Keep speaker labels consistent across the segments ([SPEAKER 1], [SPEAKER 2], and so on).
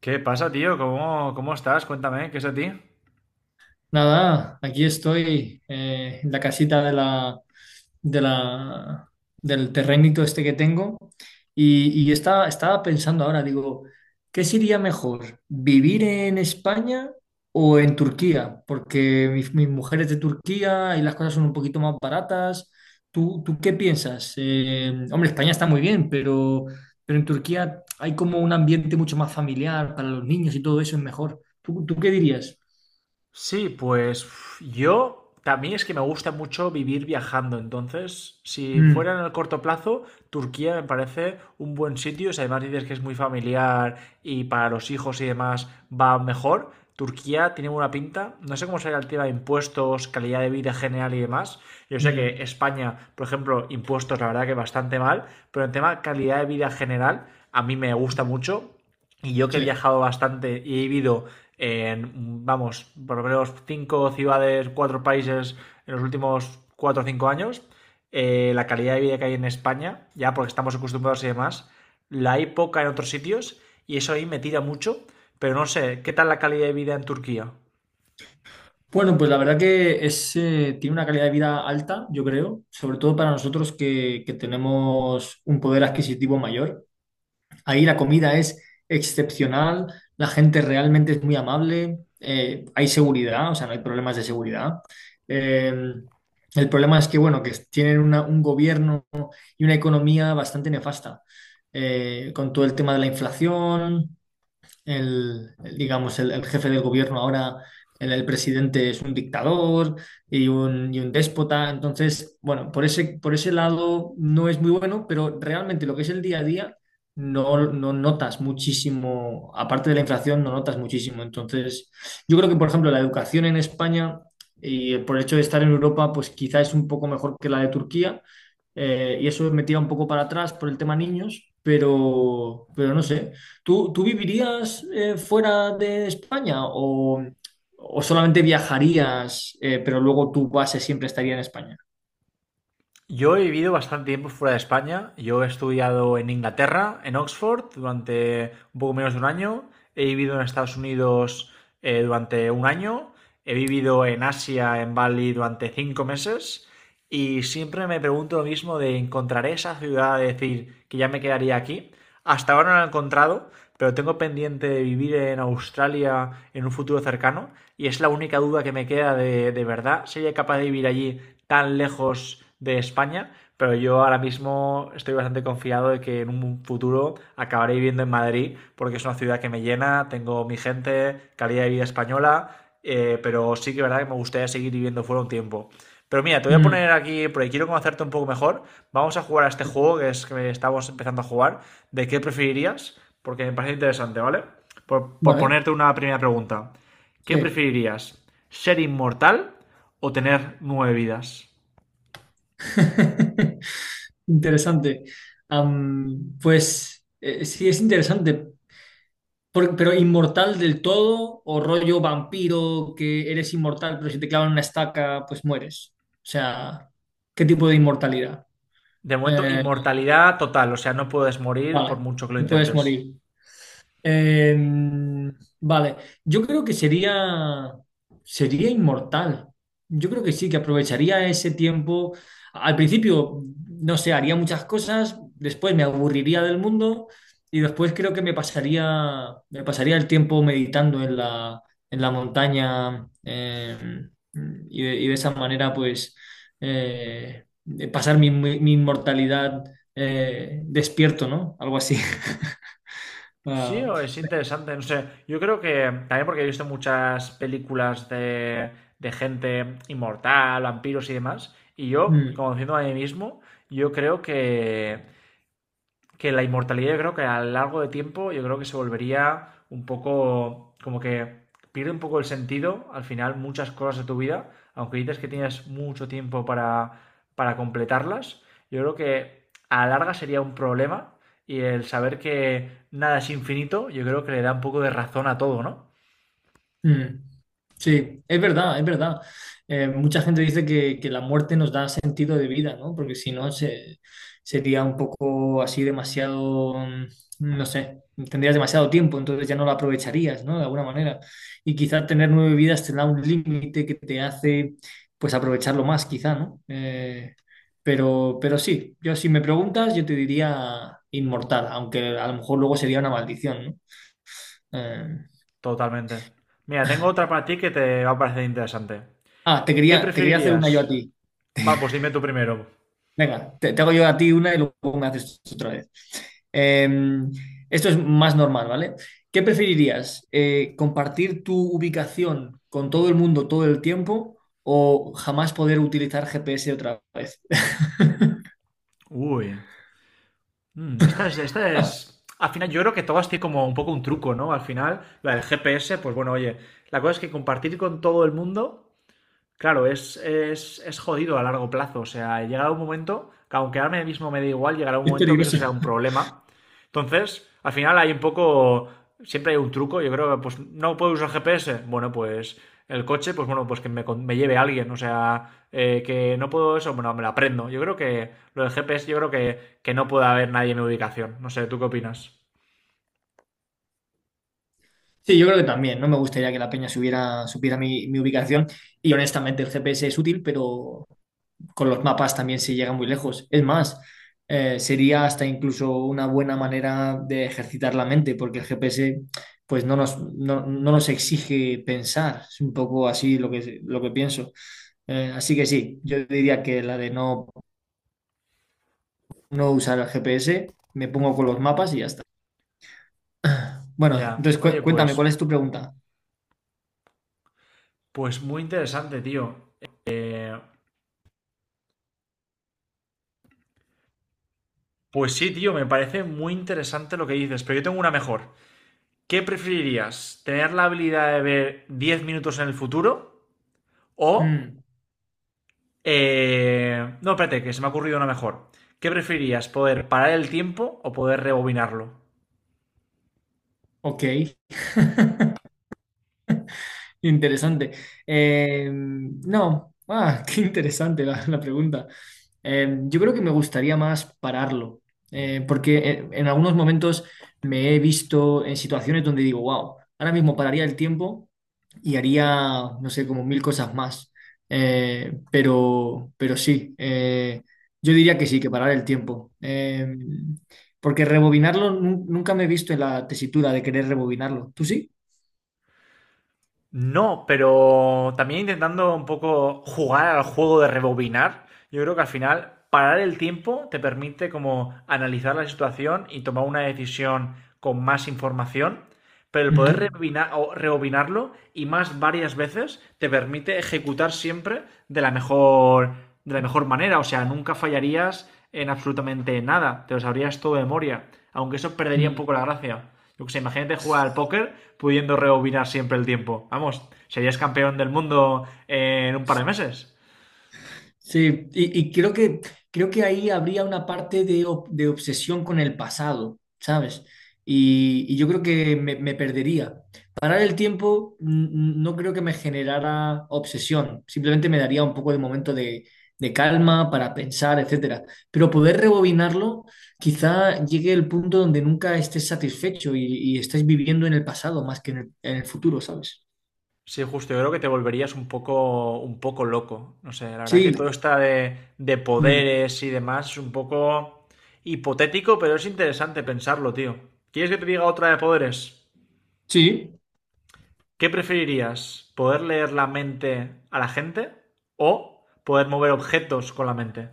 [SPEAKER 1] ¿Qué pasa, tío? ¿Cómo estás? Cuéntame, ¿qué es de ti?
[SPEAKER 2] Nada, aquí estoy en la casita de la, del terrenito este que tengo y estaba pensando ahora, digo, ¿qué sería mejor, vivir en España o en Turquía? Porque mi mujer es de Turquía y las cosas son un poquito más baratas. ¿Tú qué piensas? Hombre, España está muy bien, pero en Turquía hay como un ambiente mucho más familiar para los niños y todo eso es mejor. ¿Tú qué dirías?
[SPEAKER 1] Sí, pues uf, yo también es que me gusta mucho vivir viajando. Entonces, si
[SPEAKER 2] Mm,
[SPEAKER 1] fuera en el corto plazo, Turquía me parece un buen sitio. Si además dices que es muy familiar y para los hijos y demás va mejor, Turquía tiene buena pinta. No sé cómo será el tema de impuestos, calidad de vida general y demás. Yo sé que
[SPEAKER 2] mm.
[SPEAKER 1] España, por ejemplo, impuestos, la verdad que bastante mal, pero el tema calidad de vida general a mí me gusta mucho. Y yo que he
[SPEAKER 2] Sí.
[SPEAKER 1] viajado bastante y he vivido en, vamos, por lo menos cinco ciudades, cuatro países en los últimos 4 o 5 años, la calidad de vida que hay en España, ya porque estamos acostumbrados y demás, la hay poca en otros sitios y eso ahí me tira mucho, pero no sé, ¿qué tal la calidad de vida en Turquía?
[SPEAKER 2] Bueno, pues la verdad que es, tiene una calidad de vida alta, yo creo, sobre todo para nosotros que tenemos un poder adquisitivo mayor. Ahí la comida es excepcional, la gente realmente es muy amable, hay seguridad, o sea, no hay problemas de seguridad. Eh, el problema es que, bueno, que tienen un gobierno y una economía bastante nefasta, con todo el tema de la inflación. Digamos, el jefe del gobierno ahora, el presidente es un dictador y un déspota. Entonces, bueno, por ese lado no es muy bueno, pero realmente lo que es el día a día no notas muchísimo, aparte de la inflación, no notas muchísimo. Entonces, yo creo que, por ejemplo, la educación en España y por el hecho de estar en Europa, pues quizá es un poco mejor que la de Turquía. Y eso me tira un poco para atrás por el tema niños, pero no sé. ¿Tú vivirías fuera de España o solamente viajarías, pero luego tu base siempre estaría en España?
[SPEAKER 1] Yo he vivido bastante tiempo fuera de España. Yo he estudiado en Inglaterra, en Oxford, durante un poco menos de un año. He vivido en Estados Unidos durante un año. He vivido en Asia, en Bali, durante 5 meses. Y siempre me pregunto lo mismo de encontraré esa ciudad, de decir que ya me quedaría aquí. Hasta ahora no la he encontrado, pero tengo pendiente de vivir en Australia en un futuro cercano y es la única duda que me queda de verdad. ¿Sería capaz de vivir allí tan lejos de España? Pero yo ahora mismo estoy bastante confiado de que en un futuro acabaré viviendo en Madrid porque es una ciudad que me llena, tengo mi gente, calidad de vida española, pero sí que es verdad que me gustaría seguir viviendo fuera un tiempo. Pero mira, te voy a
[SPEAKER 2] Mm,
[SPEAKER 1] poner aquí, porque quiero conocerte un poco mejor. Vamos a jugar a este juego que es que estamos empezando a jugar. ¿De qué preferirías? Porque me parece interesante, ¿vale? Por
[SPEAKER 2] Vale,
[SPEAKER 1] ponerte una primera pregunta. ¿Qué
[SPEAKER 2] sí.
[SPEAKER 1] preferirías? ¿Ser inmortal o tener nueve vidas?
[SPEAKER 2] Interesante. Am, pues Sí, es interesante. Pero inmortal del todo o rollo vampiro que eres inmortal, pero si te clavan una estaca, pues mueres. O sea, ¿qué tipo de inmortalidad?
[SPEAKER 1] De momento,
[SPEAKER 2] Eh,
[SPEAKER 1] inmortalidad total, o sea, no puedes morir por
[SPEAKER 2] vale,
[SPEAKER 1] mucho que lo
[SPEAKER 2] no puedes morir.
[SPEAKER 1] intentes.
[SPEAKER 2] Em, vale, yo creo sería inmortal. Yo creo que sí, que aprovecharía ese tiempo. Al principio, no sé, haría muchas cosas, después me aburriría del mundo y después creo que me pasaría el tiempo meditando en la montaña y, y de esa manera, pues, eh, pasar mi inmortalidad despierto, ¿no? Algo así.
[SPEAKER 1] Sí,
[SPEAKER 2] Ah,
[SPEAKER 1] o es interesante, no sé. Yo creo que también porque he visto muchas películas de gente inmortal, vampiros y demás, y yo,
[SPEAKER 2] Mm,
[SPEAKER 1] conociendo a mí mismo, yo creo que la inmortalidad yo creo que a lo largo de tiempo yo creo que se volvería un poco como que pierde un poco el sentido al final muchas cosas de tu vida, aunque dices que tienes mucho tiempo para completarlas, yo creo que a la larga sería un problema y el saber que nada es infinito yo creo que le da un poco de razón a todo, ¿no?
[SPEAKER 2] mm. Sí, es verdad, es verdad. Mucha gente dice que la muerte nos da sentido de vida, ¿no? Porque si no, sería un poco así demasiado, no sé, tendrías demasiado tiempo, entonces ya no lo aprovecharías, ¿no? De alguna manera. Y quizá tener nueve vidas te da un límite que te hace, pues, aprovecharlo más, quizá, ¿no? Pero sí, yo si me preguntas, yo te diría inmortal, aunque a lo mejor luego sería una maldición, ¿no? Eh,
[SPEAKER 1] Totalmente. Mira, tengo otra para ti que te va a parecer interesante.
[SPEAKER 2] Ah,
[SPEAKER 1] ¿Qué
[SPEAKER 2] te quería hacer
[SPEAKER 1] preferirías?
[SPEAKER 2] una yo a ti.
[SPEAKER 1] Va, pues dime tú primero.
[SPEAKER 2] Venga, te hago yo a ti una y luego me haces tú otra vez. Eh, Esto es más normal, ¿vale? ¿Qué preferirías? ¿Compartir tu ubicación con todo el mundo todo el tiempo o jamás poder utilizar GPS otra vez?
[SPEAKER 1] Uy. Mm, esta es, esta es. Al final, yo creo que todas tienen como un poco un truco, ¿no? Al final, la del GPS, pues bueno, oye, la cosa es que compartir con todo el mundo. Claro, es jodido a largo plazo. O sea, llegará un momento, que aunque ahora mismo me da igual, llegará un
[SPEAKER 2] Es
[SPEAKER 1] momento que eso
[SPEAKER 2] peligroso.
[SPEAKER 1] será un problema. Entonces, al final hay un poco, siempre hay un truco. Yo creo que, pues, no puedo usar GPS. Bueno, pues el coche, pues bueno, pues que me, me lleve alguien. O sea, que no puedo eso, bueno, me lo aprendo. Yo creo que lo del GPS, yo creo que no puede haber nadie en mi ubicación. No sé, ¿tú qué opinas?
[SPEAKER 2] Sí, yo creo que también. No me gustaría que la peña supiera mi ubicación. Y honestamente, el GPS es útil, pero con los mapas también se llega muy lejos. Es más, sería hasta incluso una buena manera de ejercitar la mente, porque el GPS pues no nos exige pensar. Es un poco así lo que pienso. Así que sí, yo diría que la de no usar el GPS, me pongo con los mapas y ya está. Bueno,
[SPEAKER 1] Ya,
[SPEAKER 2] entonces
[SPEAKER 1] oye,
[SPEAKER 2] cuéntame, ¿cuál
[SPEAKER 1] pues,
[SPEAKER 2] es tu pregunta?
[SPEAKER 1] pues muy interesante, tío. Eh, Pues sí, tío, me parece muy interesante lo que dices, pero yo tengo una mejor. ¿Qué preferirías? ¿Tener la habilidad de ver 10 minutos en el futuro? ¿O...
[SPEAKER 2] Mm,
[SPEAKER 1] No, espérate, que se me ha ocurrido una mejor. ¿Qué preferirías? ¿Poder parar el tiempo o poder rebobinarlo?
[SPEAKER 2] ok. Interesante. No, ah, Qué interesante la pregunta. Yo creo que me gustaría más pararlo, porque en algunos momentos me he visto en situaciones donde digo, wow, ahora mismo pararía el tiempo y haría, no sé, como mil cosas más. Pero sí, yo diría que sí, que parar el tiempo. Porque rebobinarlo, nunca me he visto en la tesitura de querer rebobinarlo. ¿Tú sí?
[SPEAKER 1] No, pero también intentando un poco jugar al juego de rebobinar, yo creo que al final parar el tiempo te permite como analizar la situación y tomar una decisión con más información, pero el
[SPEAKER 2] Ujú.
[SPEAKER 1] poder rebobina- o rebobinarlo y más varias veces te permite ejecutar siempre de la mejor, manera. O sea, nunca fallarías en absolutamente nada. Te lo sabrías todo de memoria. Aunque eso perdería un poco
[SPEAKER 2] Mm.
[SPEAKER 1] la gracia. Yo que sé, imagínate jugar al póker pudiendo rebobinar siempre el tiempo. Vamos, serías campeón del mundo en un par de meses.
[SPEAKER 2] Sí, y creo creo que ahí habría una parte de, de obsesión con el pasado, ¿sabes? Y yo creo que me perdería. Parar el tiempo no creo que me generara obsesión, simplemente me daría un poco de momento de calma para pensar, etcétera. Pero poder rebobinarlo, quizá llegue el punto donde nunca estés satisfecho y estés viviendo en el pasado más que en en el futuro, ¿sabes?
[SPEAKER 1] Sí, justo, yo creo que te volverías un poco loco. No sé, la verdad que
[SPEAKER 2] Sí,
[SPEAKER 1] todo está de
[SPEAKER 2] mm,
[SPEAKER 1] poderes y demás es un poco hipotético, pero es interesante pensarlo, tío. ¿Quieres que te diga otra de poderes?
[SPEAKER 2] sí.
[SPEAKER 1] ¿Qué preferirías? ¿Poder leer la mente a la gente o poder mover objetos con la mente?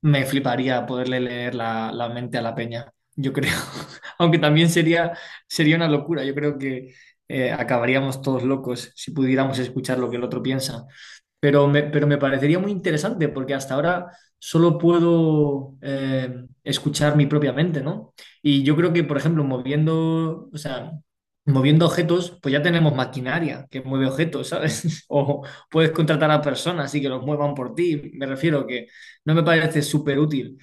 [SPEAKER 2] Me fliparía poderle leer la mente a la peña, yo creo. Aunque también sería una locura. Yo creo que acabaríamos todos locos si pudiéramos escuchar lo que el otro piensa. Pero me parecería muy interesante porque hasta ahora solo puedo escuchar mi propia mente, ¿no? Y yo creo que, por ejemplo, o sea, moviendo objetos, pues ya tenemos maquinaria que mueve objetos, ¿sabes? O puedes contratar a personas y que los muevan por ti. Me refiero que no me parece súper útil.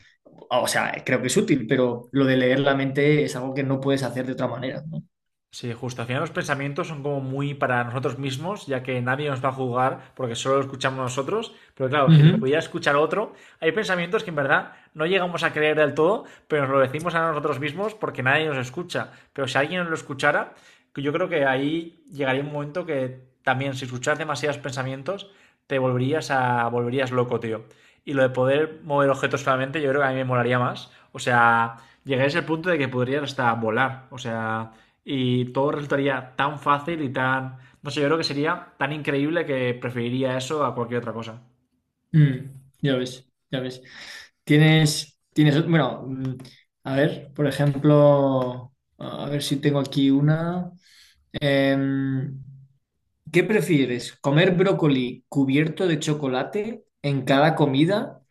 [SPEAKER 2] O sea, creo que es útil, pero lo de leer la mente es algo que no puedes hacer de otra manera, ¿no?
[SPEAKER 1] Sí, justo. Al final los pensamientos son como muy para nosotros mismos, ya que nadie nos va a juzgar porque solo lo escuchamos nosotros. Pero claro, si los
[SPEAKER 2] Ujú.
[SPEAKER 1] pudiera escuchar otro, hay pensamientos que en verdad no llegamos a creer del todo, pero nos lo decimos a nosotros mismos porque nadie nos escucha. Pero si alguien nos lo escuchara, que yo creo que ahí llegaría un momento que también si escuchas demasiados pensamientos, te volverías loco, tío. Y lo de poder mover objetos solamente, yo creo que a mí me molaría más. O sea, llegarías al punto de que podrías hasta volar. O sea, y todo resultaría tan fácil y tan... No sé, yo creo que sería tan increíble que preferiría eso a cualquier otra cosa.
[SPEAKER 2] Mm, ya ves, ya ves. Tienes, tienes, bueno, mm, a ver, por ejemplo, a ver si tengo aquí una. Em, ¿Qué prefieres? ¿Comer brócoli cubierto de chocolate en cada comida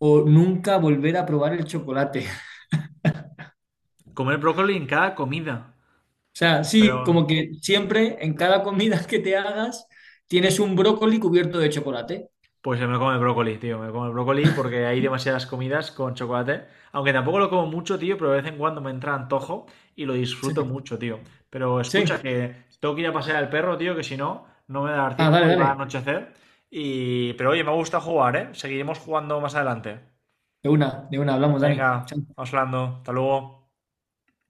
[SPEAKER 2] o nunca volver a probar el chocolate?
[SPEAKER 1] Comer brócoli en cada comida.
[SPEAKER 2] O sea, sí,
[SPEAKER 1] Espero...
[SPEAKER 2] como que siempre en cada comida que te hagas tienes un brócoli cubierto de chocolate.
[SPEAKER 1] Pues me como el brócoli, tío. Me como el brócoli porque hay demasiadas comidas con chocolate. Aunque tampoco lo como mucho, tío, pero de vez en cuando me entra antojo y lo
[SPEAKER 2] Sí,
[SPEAKER 1] disfruto mucho, tío. Pero escucha
[SPEAKER 2] sí.
[SPEAKER 1] que tengo que ir a pasear al perro, tío, que si no, no me va a dar
[SPEAKER 2] Ah, dale,
[SPEAKER 1] tiempo y va a
[SPEAKER 2] dale.
[SPEAKER 1] anochecer. Y... pero oye, me gusta jugar, ¿eh? Seguiremos jugando más adelante.
[SPEAKER 2] De una, hablamos, Dani. Chao.
[SPEAKER 1] Venga, vamos hablando. Hasta luego.